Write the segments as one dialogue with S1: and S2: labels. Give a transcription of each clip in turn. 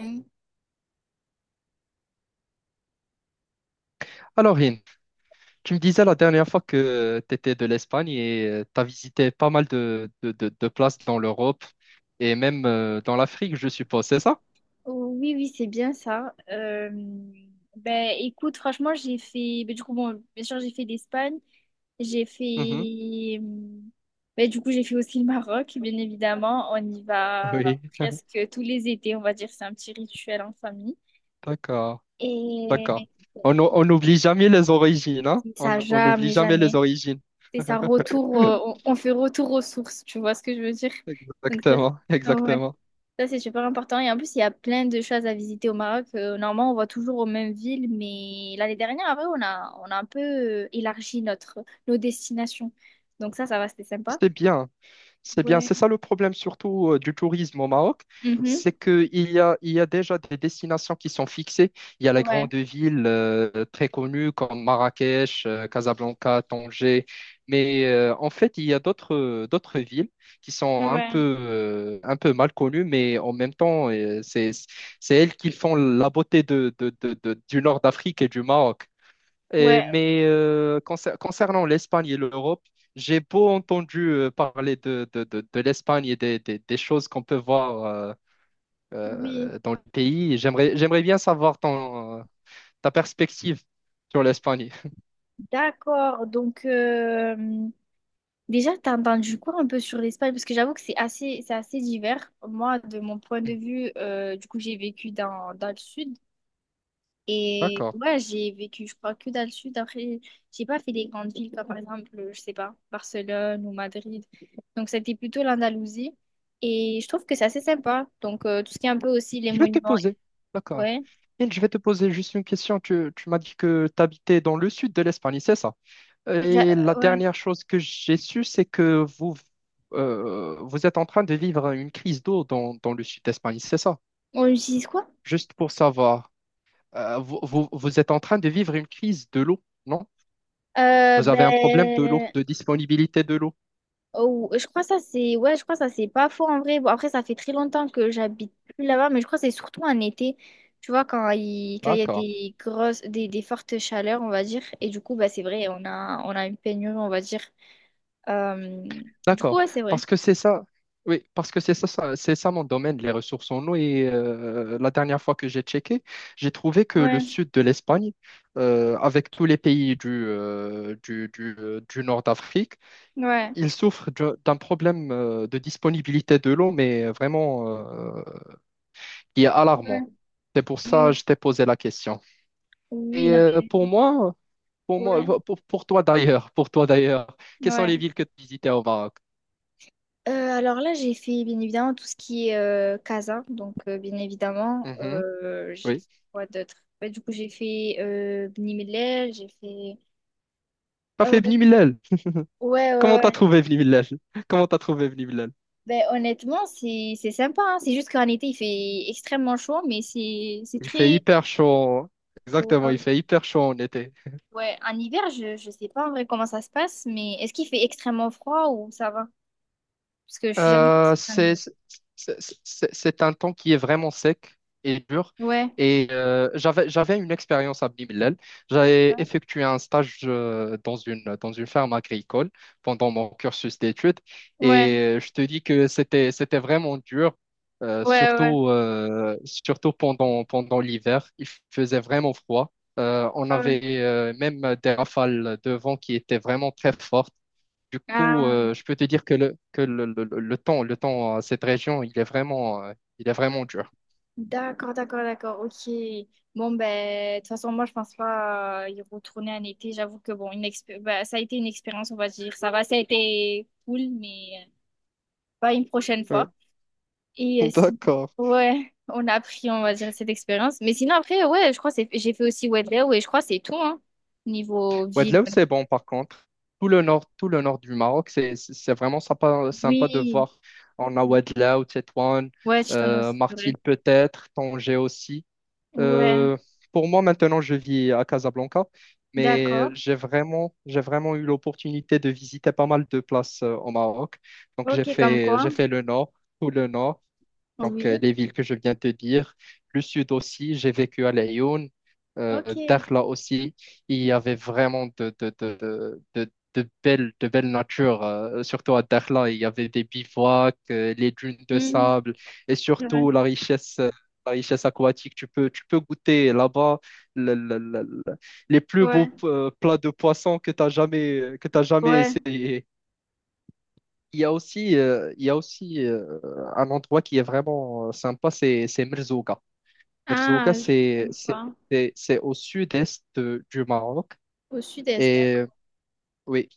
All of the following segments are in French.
S1: Mm.
S2: Alors, Rin, tu me disais la dernière fois que tu étais de l'Espagne et tu as visité pas mal de places dans l'Europe et même dans l'Afrique, je suppose, c'est ça?
S1: Oui, oui, c'est bien ça. Ben, écoute, franchement, j'ai fait. Ben, du coup, bon, bien sûr, j'ai fait l'Espagne. J'ai
S2: Mhm.
S1: fait. Ben, du coup, j'ai fait aussi le Maroc, bien évidemment. On y va
S2: Oui,
S1: presque tous les étés, on va dire. C'est un petit rituel en famille.
S2: d'accord,
S1: Et
S2: d'accord. On n'oublie jamais les origines, hein?
S1: c'est
S2: On
S1: ça,
S2: on n'oublie
S1: jamais,
S2: jamais les
S1: jamais.
S2: origines.
S1: C'est ça, retour. On fait retour aux sources, tu vois ce que je veux dire? Donc,
S2: Exactement,
S1: ça, ouais.
S2: exactement.
S1: Ça, c'est super important. Et en plus, il y a plein de choses à visiter au Maroc. Normalement, on va toujours aux mêmes villes, mais l'année dernière, après, on a un peu élargi notre, nos destinations. Donc ça va, c'était sympa.
S2: C'était bien. C'est bien,
S1: Ouais.
S2: c'est ça le problème surtout du tourisme au Maroc,
S1: Mhm.
S2: c'est qu'il y a, il y a déjà des destinations qui sont fixées. Il y a les
S1: Ouais.
S2: grandes villes très connues comme Marrakech, Casablanca, Tanger, mais en fait, il y a d'autres d'autres villes qui sont
S1: Ouais.
S2: un peu mal connues, mais en même temps, c'est elles qui font la beauté du nord d'Afrique et du Maroc. Et-
S1: Ouais.
S2: mais euh, concer- concernant l'Espagne et l'Europe, j'ai beau entendu parler de l'Espagne et des choses qu'on peut voir
S1: Oui.
S2: dans le pays. J'aimerais bien savoir ta perspective sur l'Espagne.
S1: D'accord. Donc, déjà, t'as entendu quoi un peu sur l'Espagne? Parce que j'avoue que c'est assez divers. Moi, de mon point de vue, du coup, j'ai vécu dans le sud. Et
S2: D'accord.
S1: ouais, j'ai vécu, je crois, que dans le sud. Après, j'ai pas fait des grandes villes, comme par exemple, je sais pas, Barcelone ou Madrid. Donc, c'était plutôt l'Andalousie. Et je trouve que c'est assez sympa. Donc, tout ce qui est un peu aussi les
S2: Je vais te
S1: monuments.
S2: poser. D'accord.
S1: Ouais.
S2: Et je vais te poser juste une question. Tu m'as dit que tu habitais dans le sud de l'Espagne, c'est ça?
S1: J'a-
S2: Et la
S1: Ouais.
S2: dernière chose que j'ai su, c'est que vous êtes en train de vivre une crise d'eau dans le sud d'Espagne, c'est ça?
S1: On utilise quoi?
S2: Juste pour savoir, vous êtes en train de vivre une crise de l'eau, non? Vous avez un problème de l'eau,
S1: Ben,
S2: de disponibilité de l'eau.
S1: oh, je crois ça c'est ouais, je crois ça c'est pas faux en vrai. Bon, après ça fait très longtemps que j'habite plus là-bas, mais je crois que c'est surtout en été. Tu vois quand il y a
S2: D'accord,
S1: des grosses des fortes chaleurs, on va dire, et du coup bah c'est vrai, on a une pénurie, on va dire. Euh, du coup,
S2: d'accord.
S1: ouais, c'est vrai.
S2: Parce que c'est ça, oui, parce que c'est ça, c'est ça mon domaine, les ressources en eau. Et la dernière fois que j'ai checké, j'ai trouvé que le
S1: Ouais.
S2: sud de l'Espagne, avec tous les pays du nord d'Afrique,
S1: Ouais.
S2: ils souffrent d'un problème de disponibilité de l'eau, mais vraiment qui est
S1: Ouais.
S2: alarmant. C'est pour ça que
S1: Oui.
S2: je t'ai posé la question.
S1: Oui,
S2: Et
S1: non
S2: pour
S1: mais
S2: moi,
S1: ouais.
S2: toi d'ailleurs, pour toi d'ailleurs, quelles sont
S1: Ouais.
S2: les villes que tu visitais au Maroc?
S1: Alors là, j'ai fait bien évidemment tout ce qui est Casa. Donc, bien évidemment,
S2: Mhm,
S1: j'ai
S2: oui.
S1: fait quoi d'autre? Ouais, du coup, j'ai fait Bni Mellal, j'ai fait.
S2: T'as
S1: Euh,
S2: fait Bni Mellal.
S1: ouais, ouais,
S2: Comment t'as
S1: ouais.
S2: trouvé Bni Mellal? Comment t'as trouvé Bni Mellal?
S1: Ben, honnêtement, c'est sympa, hein. C'est juste qu'en été, il fait extrêmement chaud, mais c'est
S2: Il fait
S1: très.
S2: hyper chaud. Exactement, il
S1: Ouais,
S2: fait hyper chaud en été.
S1: ouais. En hiver, je sais pas en vrai comment ça se passe, mais est-ce qu'il fait extrêmement froid ou ça va? Parce que je suis jamais
S2: Euh,
S1: partie en
S2: c'est
S1: hiver.
S2: c'est- c'est un temps qui est vraiment sec et dur.
S1: Ouais,
S2: Et j'avais une expérience à Bimilel. J'avais effectué un stage dans une ferme agricole pendant mon cursus d'études.
S1: ouais,
S2: Et je te dis que c'était vraiment dur,
S1: ouais, ouais.
S2: surtout pendant l'hiver. Il faisait vraiment froid. On
S1: Ouais.
S2: avait même des rafales de vent qui étaient vraiment très fortes. Du coup,
S1: Ah.
S2: je peux te dire que le temps à cette région, il est vraiment dur.
S1: D'accord, d'accord, d'accord, ok. Bon, ben, de toute façon, moi, je pense pas y retourner en été. J'avoue que, bon, ben, ça a été une expérience, on va dire. Ça va, ça a été cool, mais pas une prochaine
S2: Ouais.
S1: fois. Et si...
S2: D'accord.
S1: Ouais, on a appris, on va dire, cette expérience. Mais sinon, après, ouais, je crois que j'ai fait aussi Wedlow, ouais, je crois que c'est tout, hein, niveau ville.
S2: Ouadlaou, c'est bon par contre. Tout le nord du Maroc, c'est vraiment sympa, sympa de
S1: Oui,
S2: voir. On a Ouadlaou, Tétouan,
S1: ouais, Chitono aussi, c'est vrai.
S2: Martil peut-être, Tanger aussi.
S1: Ouais,
S2: Euh, pour moi, maintenant, je vis à Casablanca, mais
S1: d'accord.
S2: j'ai vraiment eu l'opportunité de visiter pas mal de places au Maroc. Donc,
S1: Ok, comme quoi?
S2: j'ai fait le nord, tout le nord. Donc,
S1: Oui,
S2: les villes que je viens de dire, le sud aussi, j'ai vécu à Laayoune,
S1: ok.
S2: euh, Dakhla aussi. Il y avait vraiment de belles, de belles natures, surtout à Dakhla. Il y avait des bivouacs, les dunes de
S1: Mhm.
S2: sable et
S1: Ouais,
S2: surtout la richesse aquatique. Tu peux goûter là-bas le- le- le- le- les plus beaux
S1: ouais.
S2: plats de poissons que tu jamais
S1: Ouais.
S2: essayé. Il y a aussi, un endroit qui est vraiment sympa, c'est Merzouga. Merzouga,
S1: Ah, je connais pas.
S2: c'est au sud-est du Maroc.
S1: Au sud-est.
S2: Et oui,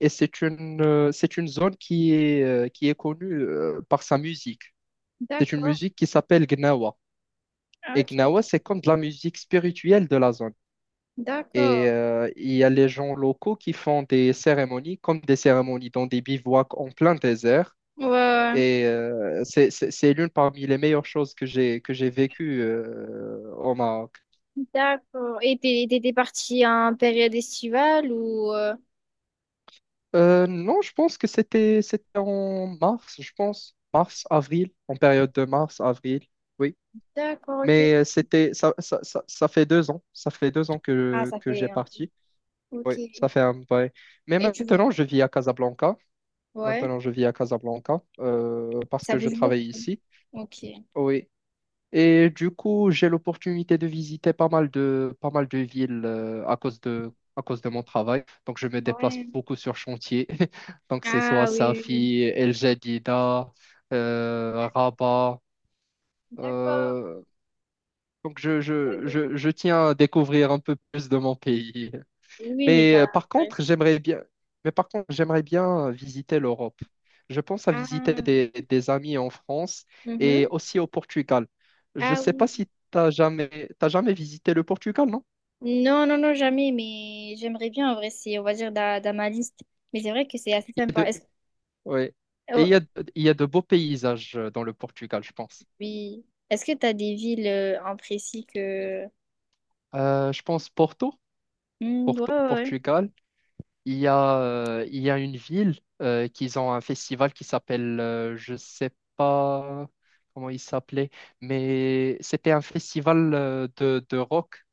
S2: et c'est une zone qui est connue par sa musique. C'est une
S1: D'accord.
S2: musique qui s'appelle Gnawa.
S1: Ah,
S2: Et
S1: ok,
S2: Gnawa,
S1: ok.
S2: c'est comme de la musique spirituelle de la zone. Et
S1: D'accord.
S2: il y a les gens locaux qui font des cérémonies, comme des cérémonies dans des bivouacs en plein désert.
S1: Ouais, ouais.
S2: Et c'est l'une parmi les meilleures choses que j'ai vécues au Maroc.
S1: D'accord. Et t'étais partie en période estivale ou...
S2: Non, je pense que c'était en mars, je pense. Mars, avril, en période de mars, avril, oui.
S1: D'accord, ok.
S2: Mais c'était ça, ça, ça, ça fait 2 ans. Ça fait deux ans
S1: Ah, ça
S2: que j'ai
S1: fait...
S2: parti. Oui,
S1: Ok.
S2: ça fait un vrai. Mais
S1: Et tu...
S2: maintenant, je vis à Casablanca.
S1: Ouais.
S2: Maintenant, je vis à Casablanca parce
S1: Ça
S2: que je
S1: bouge
S2: travaille
S1: beaucoup.
S2: ici.
S1: Ok.
S2: Oui, et du coup, j'ai l'opportunité de visiter pas mal de villes à cause de mon travail. Donc, je me déplace
S1: Ouais.
S2: beaucoup sur chantier. Donc, c'est soit
S1: Ah, oui, oui, oui.
S2: Safi, El Jadida, Rabat.
S1: D'accord.
S2: Euh, donc, je,
S1: Ouais,
S2: je, je, je tiens à découvrir un peu plus de mon pays.
S1: Oui, mais
S2: Mais
S1: t'as... ouais.
S2: par contre, j'aimerais bien visiter l'Europe. Je pense à visiter
S1: Ah,
S2: des amis en France et
S1: mhm.
S2: aussi au Portugal. Je ne
S1: Ah
S2: sais pas
S1: oui.
S2: si tu n'as jamais, t'as jamais visité le Portugal, non?
S1: Non, non, non, jamais, mais j'aimerais bien, en vrai, c'est, on va dire, dans ma liste. Mais c'est vrai que c'est assez
S2: Il y a
S1: sympa.
S2: de, ouais. Et il y a,
S1: Est-ce-
S2: il y a de beaux paysages dans le Portugal, je pense.
S1: Oui. Est-ce que tu as des villes en précis que...
S2: Je pense Porto,
S1: Hmm, ouais,
S2: Porto,
S1: ouais,
S2: Portugal. Il y a, il y a une ville qu'ils ont un festival qui s'appelle, je sais pas comment il s'appelait, mais c'était un festival de rock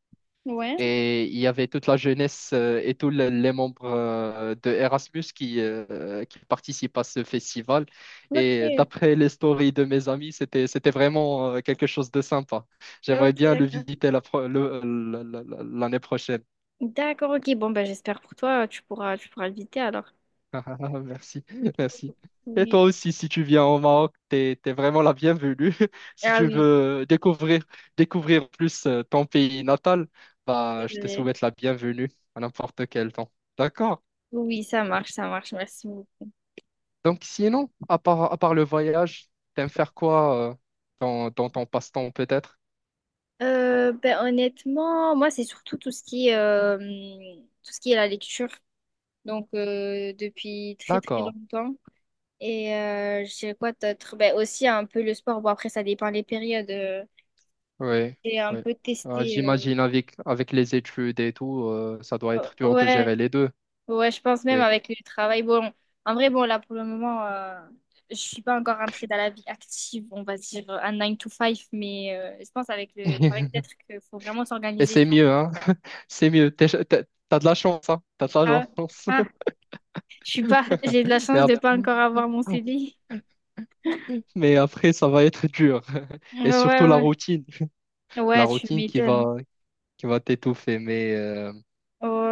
S1: ouais. Ouais.
S2: et il y avait toute la jeunesse et les membres de Erasmus qui participent à ce festival. Et
S1: Ok.
S2: d'après les stories de mes amis, c'était vraiment quelque chose de sympa. J'aimerais
S1: Ok,
S2: bien le
S1: d'accord.
S2: visiter la pro- le- l'année prochaine.
S1: D'accord, ok. Bon, bah, j'espère pour toi, tu pourras éviter alors.
S2: Ah, ah, ah, merci, merci. Et
S1: Oui.
S2: toi aussi, si tu viens au Maroc, t'es vraiment la bienvenue. Si
S1: Ah
S2: tu
S1: oui,
S2: veux découvrir, découvrir plus ton pays natal,
S1: c'est
S2: bah, je te
S1: vrai.
S2: souhaite la bienvenue à n'importe quel temps. D'accord?
S1: Oui, ça marche, ça marche. Merci beaucoup.
S2: Donc, sinon, à part le voyage, t'aimes faire quoi dans ton passe-temps peut-être?
S1: Ben, honnêtement, moi, c'est surtout tout ce qui est, tout ce qui est la lecture. Donc, depuis très, très
S2: D'accord.
S1: longtemps. Et je dirais quoi d'autre? Ben, aussi un peu le sport. Bon, après, ça dépend des périodes.
S2: Oui,
S1: J'ai un
S2: oui.
S1: peu testé.
S2: J'imagine avec, avec les études et tout, ça doit
S1: Oh,
S2: être dur de
S1: ouais,
S2: gérer les deux.
S1: ouais, je pense même
S2: Oui.
S1: avec le travail. Bon, en vrai, bon, là, pour le moment, je suis pas encore rentrée dans la vie active, on va dire, un 9 to 5, mais je pense avec le travail, peut-être qu'il faut vraiment
S2: Et
S1: s'organiser,
S2: c'est
S1: tu vois.
S2: mieux, hein? C'est mieux. T'as de la chance, hein. T'as de la
S1: Ah,
S2: chance.
S1: ah, je suis pas, j'ai de la
S2: Mais
S1: chance de
S2: après,
S1: pas encore avoir mon CDI.
S2: mais après, ça va être dur.
S1: Ouais,
S2: Et surtout
S1: ouais,
S2: la
S1: ouais,
S2: routine. La
S1: ouais, tu
S2: routine qui
S1: m'étonnes.
S2: va, qui va t'étouffer. Mais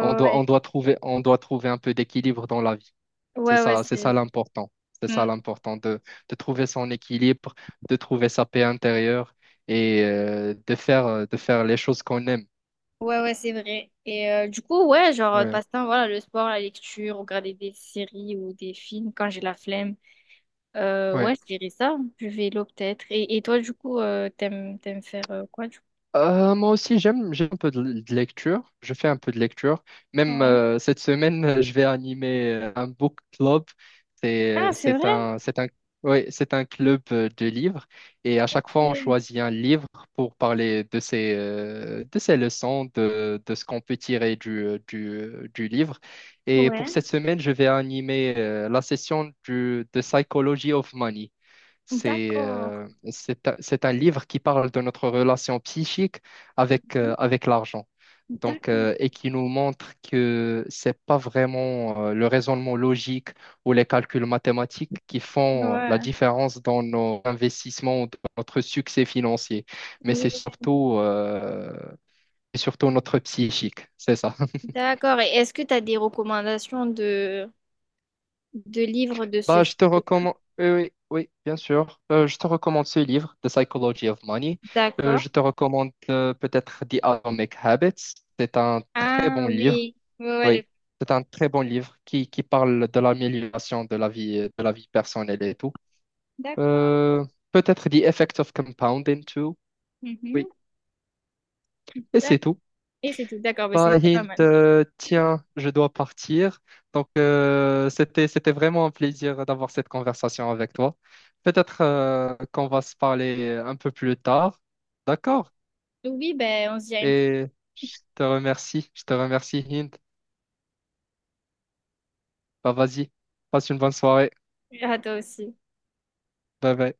S2: on doit,
S1: ouais,
S2: on doit trouver un peu d'équilibre dans la vie.
S1: ouais, ouais,
S2: C'est ça
S1: c'est
S2: l'important. C'est
S1: Mm.
S2: ça de trouver son équilibre, de trouver sa paix intérieure et de faire les choses qu'on aime.
S1: Ouais, ouais, c'est vrai. Et du coup, ouais, genre,
S2: Ouais.
S1: passe-temps, voilà, le sport, la lecture, regarder des séries ou des films quand j'ai la flemme.
S2: Ouais.
S1: Ouais, je dirais ça, du vélo peut-être. Et toi, du coup, t'aimes faire quoi, du coup?
S2: Moi aussi, j'aime un peu de lecture. Je fais un peu de lecture. Même
S1: Ouais.
S2: cette semaine, je vais animer un book club.
S1: Ah, c'est vrai.
S2: C'est un, ouais, c'est un club de livres. Et à chaque fois, on
S1: c'est-
S2: choisit un livre pour parler de ses leçons, de ce qu'on peut tirer du livre. Et pour
S1: Ouais.
S2: cette semaine, je vais animer de Psychology of Money.
S1: D'accord.
S2: C'est un livre qui parle de notre relation psychique avec l'argent. Donc,
S1: D'accord.
S2: et qui nous montre que c'est pas vraiment le raisonnement logique ou les calculs mathématiques qui font la
S1: Ouais.
S2: différence dans nos investissements, ou dans notre succès financier, mais
S1: Oui.
S2: c'est surtout, notre psychique, c'est ça.
S1: D'accord. Et est-ce que tu as des recommandations de livres de ce
S2: Bah,
S1: type?
S2: je te recommande, oui, oui, oui, bien sûr. Je te recommande ce livre, The Psychology of Money.
S1: D'accord.
S2: Je te recommande peut-être The Atomic Habits. C'est un très
S1: Ah
S2: bon livre.
S1: oui. Ouais, ouais,
S2: Oui, c'est un très bon livre qui parle de l'amélioration de la vie personnelle et tout.
S1: D'accord.
S2: Euh, peut-être The Effect of Compounding too. Oui,
S1: Mhm.
S2: et c'est
S1: D'ac-
S2: tout.
S1: Et c'est tout. D'accord, bah, c'est
S2: Pas
S1: déjà pas
S2: Hint,
S1: mal.
S2: tiens, je dois partir. Donc, c'était vraiment un plaisir d'avoir cette conversation avec toi. Peut-être qu'on va se parler un peu plus tard. D'accord?
S1: Oui, ben on se dit à
S2: Et je te remercie. Je te remercie, Hint. Bah, vas-y. Passe une bonne soirée.
S1: à toi aussi.
S2: Bye bye.